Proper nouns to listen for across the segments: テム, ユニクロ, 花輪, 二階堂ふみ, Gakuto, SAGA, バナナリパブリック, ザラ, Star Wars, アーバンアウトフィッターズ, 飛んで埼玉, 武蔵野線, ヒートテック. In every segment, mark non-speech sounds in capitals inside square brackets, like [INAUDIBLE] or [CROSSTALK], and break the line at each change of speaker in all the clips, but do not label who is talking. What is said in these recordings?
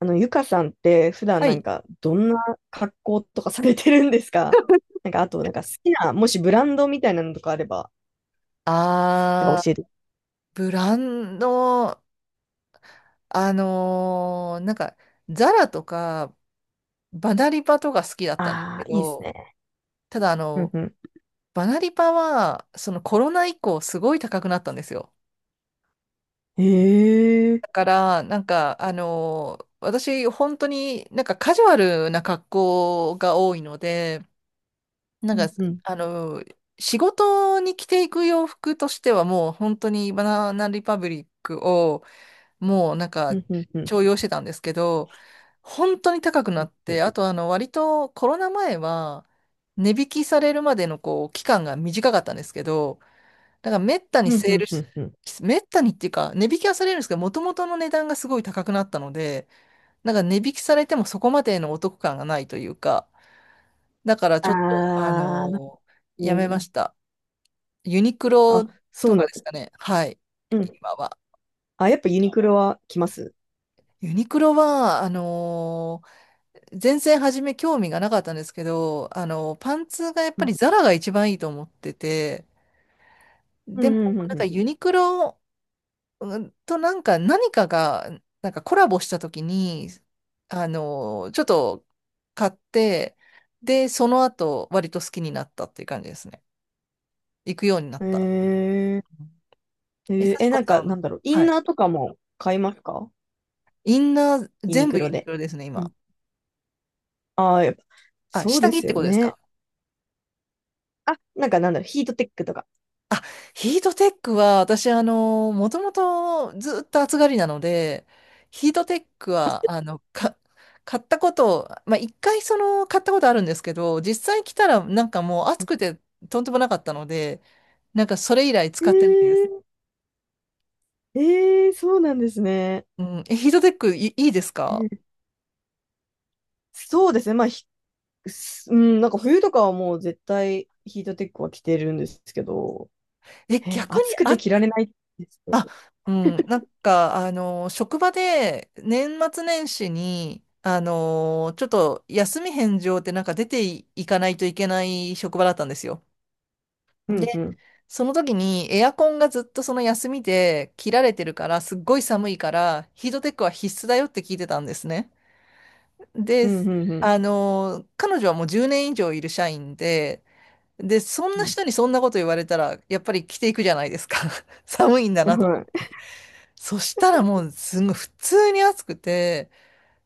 ゆかさんって普段
は
なん
い。
かどんな格好とかされてるんですか？なんか、あと、なんか好きな、もしブランドみたいなのとかあれば、なんか
あ
教えて。
ー、ブランド、あのーなんか、ザラとか、バナリパとか好きだったんです
あ
け
あ、いいです
ど、
ね。
ただ、
うんうん。
バナリパは、そのコロナ以降、すごい高くなったんですよ。
へえ。
だから、私、本当にカジュアルな格好が多いので、な
う
んか、
んうん。
仕事に着ていく洋服としては、もう本当にバナナリパブリックを、もう
うんうんうん
重用してたんですけど、本当に高くなっ
うん。
て、あと割とコロナ前は値引きされるまでのこう期間が短かったんですけど、だから
うんうんうんうん。
めったにっていうか値引きはされるんですけど、もともとの値段がすごい高くなったので、値引きされてもそこまでのお得感がないというか、だからち
あ
ょっと
あ、う
やめ
ん。
ました。ユニクロ
あ、そ
と
うな
か
ん
で
で
す
す。
かね。はい。
うん。
今は。
あ、やっぱユニクロは来ます。
ユニクロは、全然初め興味がなかったんですけど、パンツがやっ
う
ぱり
ん。
ザラが一番いいと思ってて、
う
でも
んうんうん
ユニクロ何かが、コラボした時に、ちょっと買って、で、その後割と好きになったっていう感じですね。行くようになっ
うん。
た。
へえ。
え、
へえ
幸
え、
子
なん
さ
かな
ん、
んだろう。イ
は
ン
い。
ナーとかも買いますか？
インナー
ユニ
全部
ク
ユ
ロ
ニク
で。
ロですね、
う
今。
ん。ああ、やっぱ、
あ、
そう
下
で
着っ
す
て
よ
ことです
ね。
か？
あ、なんかなんだろう、ヒートテックとか。
あ、ヒートテックは、私、もともとずっと暑がりなので、ヒートテックは、買ったこと、まあ、一回買ったことあるんですけど、実際来たら、もう暑くて、とんでもなかったので、それ以来
え
使ってないです。
ー、えー、そうなんですね。
うん。ヒートテック、いいです
う
か？
ん、そうですね。まあ、うん、なんか冬とかはもう絶対ヒートテックは着てるんですけど、
え、
え、
逆
暑
に？
くて着られないですよ。
あ、うん、職場で年末年始に、ちょっと休み返上って出てい、いかないといけない職場だったんですよ。
う
で、
んうん。
その時にエアコンがずっとその休みで切られてるから、すっごい寒いから、ヒートテックは必須だよって聞いてたんですね。で、
うんうんうん
彼女はもう10年以上いる社員で、そんな人にそんなこと言われたら、やっぱり着ていくじゃないですか。[LAUGHS] 寒いんだ
うん。
なと。
は
そしたらもうすごい普通に暑くて、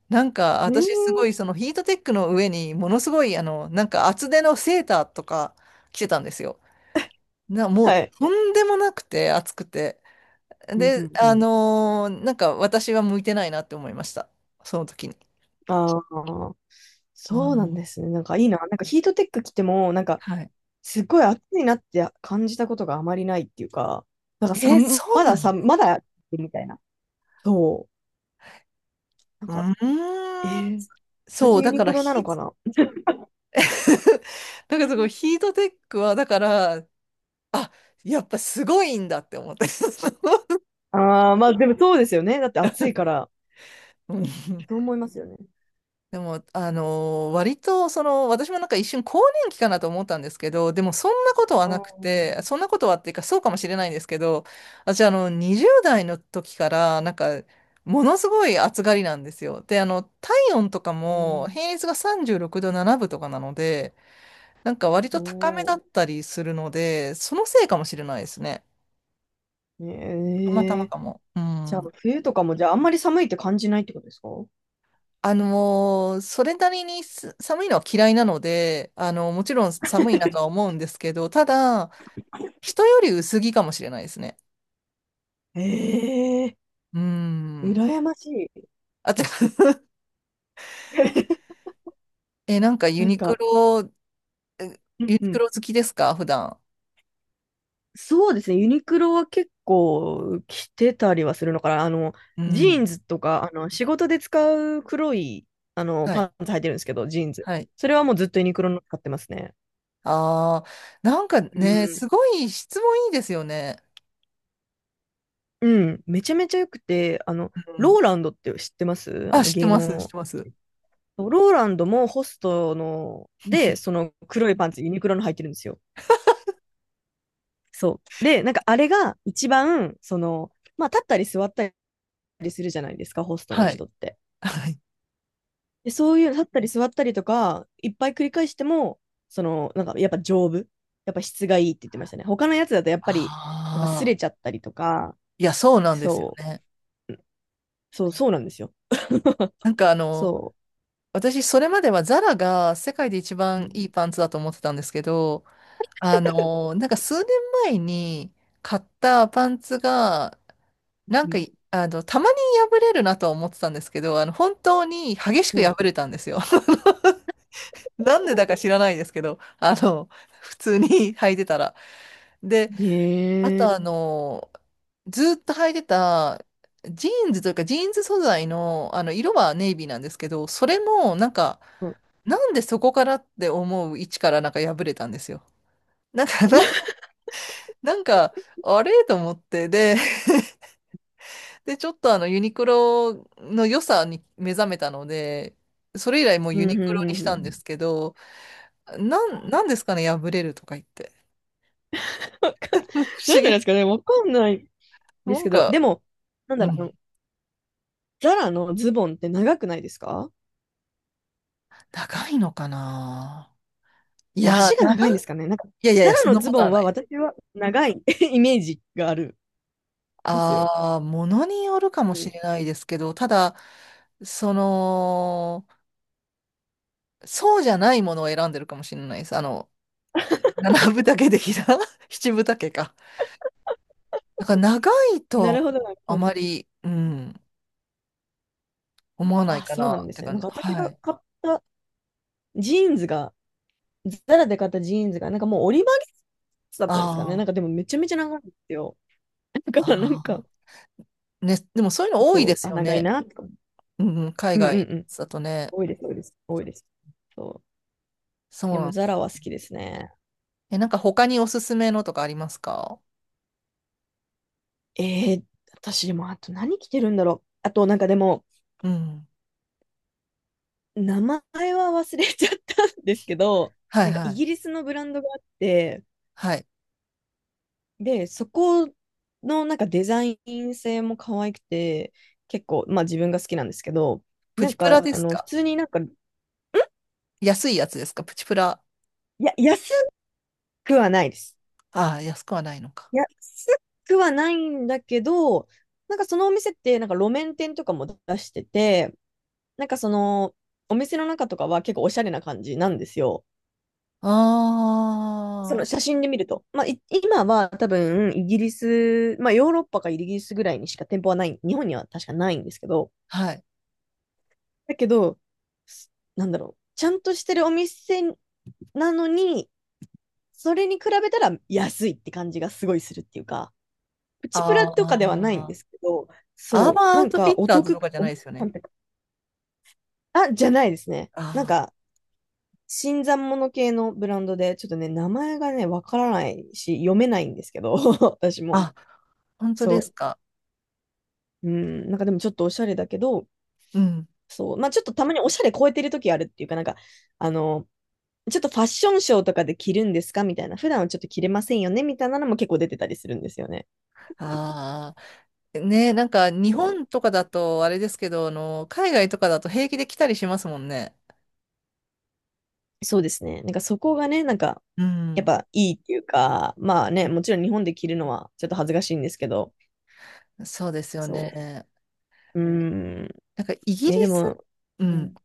い。えー、
私すごいそのヒートテックの上にものすごい厚手のセーターとか着てたんですよ。もう
はい。
とんでもなくて暑くて。
うん
で、
うんうん。
私は向いてないなって思いました。その時に。
ああ、
う
そうなん
ん。
ですね。なんかいいな。なんかヒートテック着ても、なんか
はい。
すっごい暑いなって感じたことがあまりないっていうか、なんかさ、
そう
まだ
なん
さ、
です。
まだみたいな。そう。なん
う
か、え
ーん。
ー、同
そ
じ
う、
ユ
だ
ニ
から
クロなの
ヒ、
かな？
[LAUGHS] だからそこヒートテックは、だから、あ、やっぱすごいんだって思って。[LAUGHS]
ああ、まあでもそうですよね。だって暑いから。
うん。
そう
[LAUGHS]
思いますよね。
でも、割と、私も一瞬更年期かなと思ったんですけど、でもそんなことは
あ
なくて、
あ、
そんなことはっていうか、そうかもしれないんですけど、私、20代の時から、ものすごい暑がりなんですよ。で、体温とか
う
も、
ん。
平熱が36度7分とかなので、割
お
と高めだっ
お。
たりするので、そのせいかもしれないですね。たまたま
ねえ、
かも。う
じゃあ、
ん。
冬とかも、じゃあ、あんまり寒いって感じないってことですか？
それなりに寒いのは嫌いなので、もちろん寒いなとは思うんですけど、ただ、人より薄着かもしれないですね。
ええ
うー
ー、
ん。
羨ましい。
あと [LAUGHS]
[LAUGHS]
え、なんかユ
なん
ニク
か、
ロ、え
う
ユ
ん
ニ
う
ク
ん。
ロ好きですか普段？
そうですね。ユニクロは結構着てたりはするのかな。あの、
う
ジーン
ん。
ズとか、あの、仕事で使う黒い、あの、
は
パ
い。
ンツ履いてるんですけど、ジーンズ。
はい。
それはもうずっとユニクロの使ってますね。
ああ、
う
ね、
ん、
すごい質問いいですよね。
うん、めちゃめちゃ良くて、
うん。
ローランドって知ってますあ
あ、
の
知って
芸
ま
能
す、知っ
の。
てます。
ローランドもホストの、で、そ
[LAUGHS]
の黒いパンツ、ユニクロの入ってるんですよ。そう。で、なんかあれが一番、その、まあ立ったり座ったりするじゃないですか、ホストの
はい。
人って。
はい。
で、そういう立ったり座ったりとか、いっぱい繰り返しても、その、なんかやっぱ丈夫。やっぱ質がいいって言ってましたね。他のやつだとやっぱり、なんか擦
ああ、
れちゃったりとか、
いや、そうなんですよ
そう、
ね。
そう、そうなんですよ。
なんかあの、
そ
私、それまではザラが世界で一
う。
番
う
いいパンツだと思ってたんですけど、数年前に買ったパンツが、なんか
ん
い、あの、たまに破れるなとは思ってたんですけど、本当に激し
う
く破
ん、
れたんですよ。[LAUGHS] なんでだか知らないですけど、普通に [LAUGHS] 履いてたら。で、あ
え
と
え、
ずっと履いてた、ジーンズというか、ジーンズ素材の、色はネイビーなんですけど、それも、
うん、[LAUGHS]
なんでそこからって思う位置から破れたんですよ。なんか、な、[LAUGHS] なんか、あれと思って、で、ちょっとユニクロの良さに目覚めたので、それ以来もう
う
ユ
ん、う
ニ
ん、
クロ
う
にし
ん。う
たんで
ん、
すけど、なんですかね、破れるとか言って。
わか
[LAUGHS] 不
[LAUGHS]
思
なんでなんで
議。
すかね、わかんないで
な
す
ん
けど、
か、
でも、なん
う
だろう、あの
ん、
ザラのズボンって長くないですか？
高いのかな。い
え、
や、
足が
長
長いんで
い、
すかね。なんか、
いやいやい
ザ
や、
ラ
そん
の
な
ズ
こと
ボ
は
ン
な
は
い。
私は長い [LAUGHS] イメージがあるんですよ。
ああ、ものによるかも
う
し
ん。
れないですけど、ただ、その、そうじゃないものを選んでるかもしれないです。七分丈的な [LAUGHS] 七分丈か。だから長いと
なるほど、
は
なる
あ
ほど。
まり、うん、思わない
あ、
か
そうな
な
ん
っ
で
て
すね。
感
なん
じ。
か私
は
が
い。
買ったジーンズが、ザラで買ったジーンズが、なんかもう折り曲げつだったんですかね。な
あ
んかでもめちゃめちゃ長いんですよ。だ
あ、
からなんか、
ああ。ね、でもそういうの多い
そ
で
う、
す
あ、
よ
長い
ね。
なとか。
うん、うん
う
海
ん
外
うん、
だとね。
多いです、多いです、多いです。そ
そう
う。で
なん
も、
で
ザ
す。
ラは好きですね。
え、他におすすめのとかありますか？
えー、私、でも、あと何着てるんだろう。あと、なんかでも、
うん。
名前は忘れちゃったんですけど、
はい
なんか
は
イギ
い。
リスのブランドがあって、
はい。
で、そこのなんかデザイン性も可愛くて、結構、まあ自分が好きなんですけど、
プ
なん
チプラ
か、
で
あ
す
の、普
か？
通になんか、
安いやつですか？プチプラ。
安くはないです。
ああ、安くはないのか。
安くはないんだけど、なんかそのお店って、なんか路面店とかも出してて、なんかその、お店の中とかは結構おしゃれな感じなんですよ。
あ
その
あ、
写真で見ると。まあ、今は多分、イギリス、まあ、ヨーロッパかイギリスぐらいにしか店舗はない、日本には確かないんですけど、
はい。
だけど、なんだろう、ちゃんとしてるお店なのに、それに比べたら安いって感じがすごいするっていうか、プチプラとかではないん
あ
で
あ。
すけど、
アー
そ
バ
う、
ンア
な
ウ
ん
トフィ
か
ッ
お
ターズ
得、
とかじゃないですよ
な
ね。
んていうか、あ、じゃないですね。なん
あ
か、新参者系のブランドで、ちょっとね、名前がね、わからないし、読めないんですけど、[LAUGHS] 私も。
あ、あ、本当で
そ
すか？
う。うん、なんかでもちょっとおしゃれだけど、
うん。
そう。まあちょっとたまにおしゃれ超えてる時あるっていうか、なんか、あの、ちょっとファッションショーとかで着るんですかみたいな。普段はちょっと着れませんよねみたいなのも結構出てたりするんですよね。
ああ、ね、日
そ
本とかだとあれですけど、海外とかだと平気で来たりしますもんね。
う、そうですね。なんかそこがね、なんか、
う
やっ
ん。
ぱいいっていうか、まあね、もちろん日本で着るのはちょっと恥ずかしいんですけど、
そうですよ
そ
ね。
う。うーん。
なんかイギリ
で
ス、
も、
う
う
ん。
ん、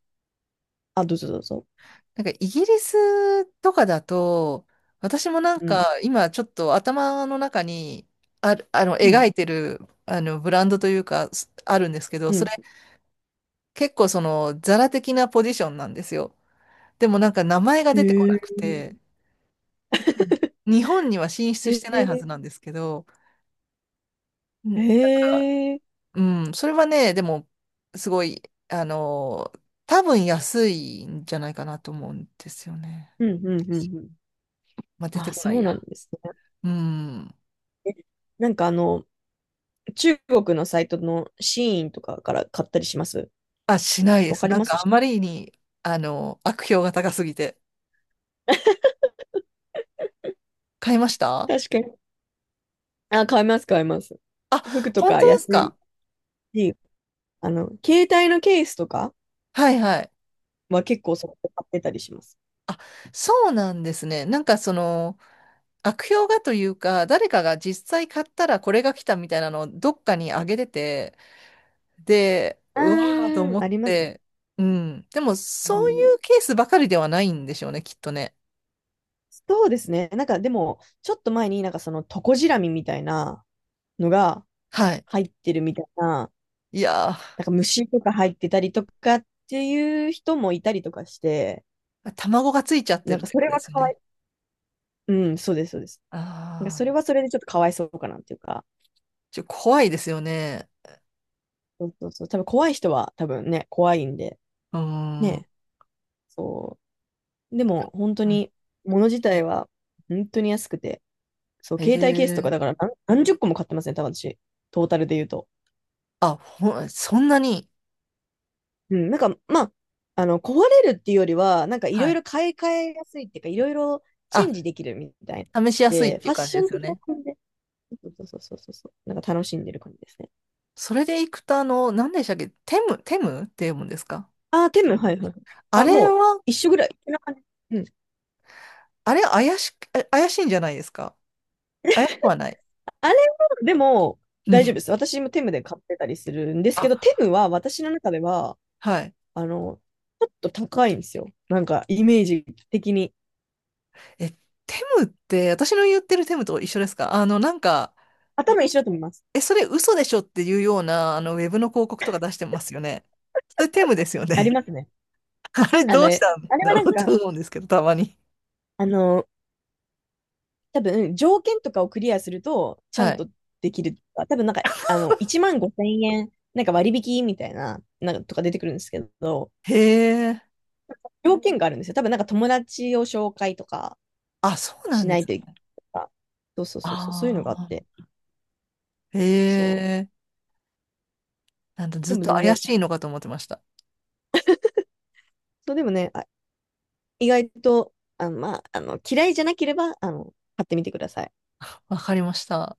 あ、どうぞどうぞ。
イギリスとかだと、私も
うん。
今ちょっと頭の中にある、
う
描
ん。
いてる、ブランドというか、あるんですけど、
う
それ
ん。
結構ザラ的なポジションなんですよ。でも名前が
へ
出てこな
え。
くて、日本には進出し
へ
てないは
え。
ずなんですけど、う
へ
んだから、
え。
うん、それはね、でも、すごい、あの、多分安いんじゃないかなと思うんですよね。
うん。うん。うん。うん。
まあ、出て
あ、
こな
そ
い
う
や。
なんですね。
うん。
え、なんかあの、中国のサイトのシーンとかから買ったりします
あ、しないで
わか
す。
ります
あまりに、悪評が高すぎて。買いました？
確かに。あ、買います、買います。
あ、
服と
本
か
当で
安
す
い
か？
し、あの、携帯のケースとか
はいはい。
は結構そこで買ってたりします。
あ、そうなんですね。悪評がというか、誰かが実際買ったらこれが来たみたいなのをどっかにあげてて、で、
あ
うわーと
ー、
思
あ
っ
ります。
て、うん。でも、
う
そう
ん、
いうケースばかりではないんでしょうね、きっとね。
そうですね。なんかでも、ちょっと前になんかそのトコジラミみたいな、のが
はい。
入ってるみたいな、
いや
なんか虫とか入ってたりとかっていう人もいたりとかして、
ー、卵がついちゃって
なん
るっ
か
て
そ
こ
れ
とで
は
すよ
かわ
ね。
い、うん、そうです、そうです。
あ
なんかそれ
あ、
はそれでちょっとかわいそうかなっていうか、
怖いですよね。
そうそうそう、多分怖い人は多分ね、怖いんで、
うーん。
ね、そう。でも本当
うん。
に、物自体は本当に安くて、そう、
へ
携帯ケースとか
え。
だから何十個も買ってますね、多分私、トータルで言うと。
あ、そんなに。
うん、なんか、まあ、あの、壊れるっていうよりは、なんかい
は
ろい
い。
ろ買い替えやすいっていうか、いろいろチェ
あ、
ンジできるみたいな。
試しやすいっ
で、フ
てい
ァ
う
ッ
感じ
ショ
で
ン
すよ
的な
ね。
感じで、そうそうそうそうそう、なんか楽しんでる感じですね。
それでいくと、何でしたっけ、テム、テムって読むんですか？
あ、テム、はいはい、
あ
あ、
れ
もう
は、
一緒ぐらい。こんな感じ。うん。
あれ怪しく、あ怪しいんじゃないですか？怪しくはない。
あれは、でも、
うん。
大丈夫です。私もテムで買ってたりするんです
あ、
けど、テムは私の中では、
はい。
あの、ちょっと高いんですよ。なんか、イメージ的に。
え、テムって、私の言ってるテムと一緒ですか？
頭一緒だと思います。
え、それ嘘でしょっていうような、ウェブの広告とか出してますよね。それテムですよ
ありま
ね。
すね。
[LAUGHS] あれ
あ
ど
の、あ
うし
れ
たんだ
は
ろ
なん
う
か、
と思うんですけど、たまに。
あの多分、条件とかをクリアすると、ちゃ
は
ん
い。
とできる多分、なんか、あの、1万5千円、なんか割引みたいな、なんかとか出てくるんですけど、
へえ。
条件があるんですよ。多分、なんか友達を紹介とか
あ、そうな
し
ん
な
で
い
す
といけない
ね。
とか。そうそうそうそう、そういうの
あ
があって。
あ。へ
そう。
え。なんだず
で
っ
も
と
全
怪
然、
しいのかと思ってました。
そうでもね、あ、意外と、あ、まあ、あの、嫌いじゃなければ、あの、買ってみてください。
わかりました。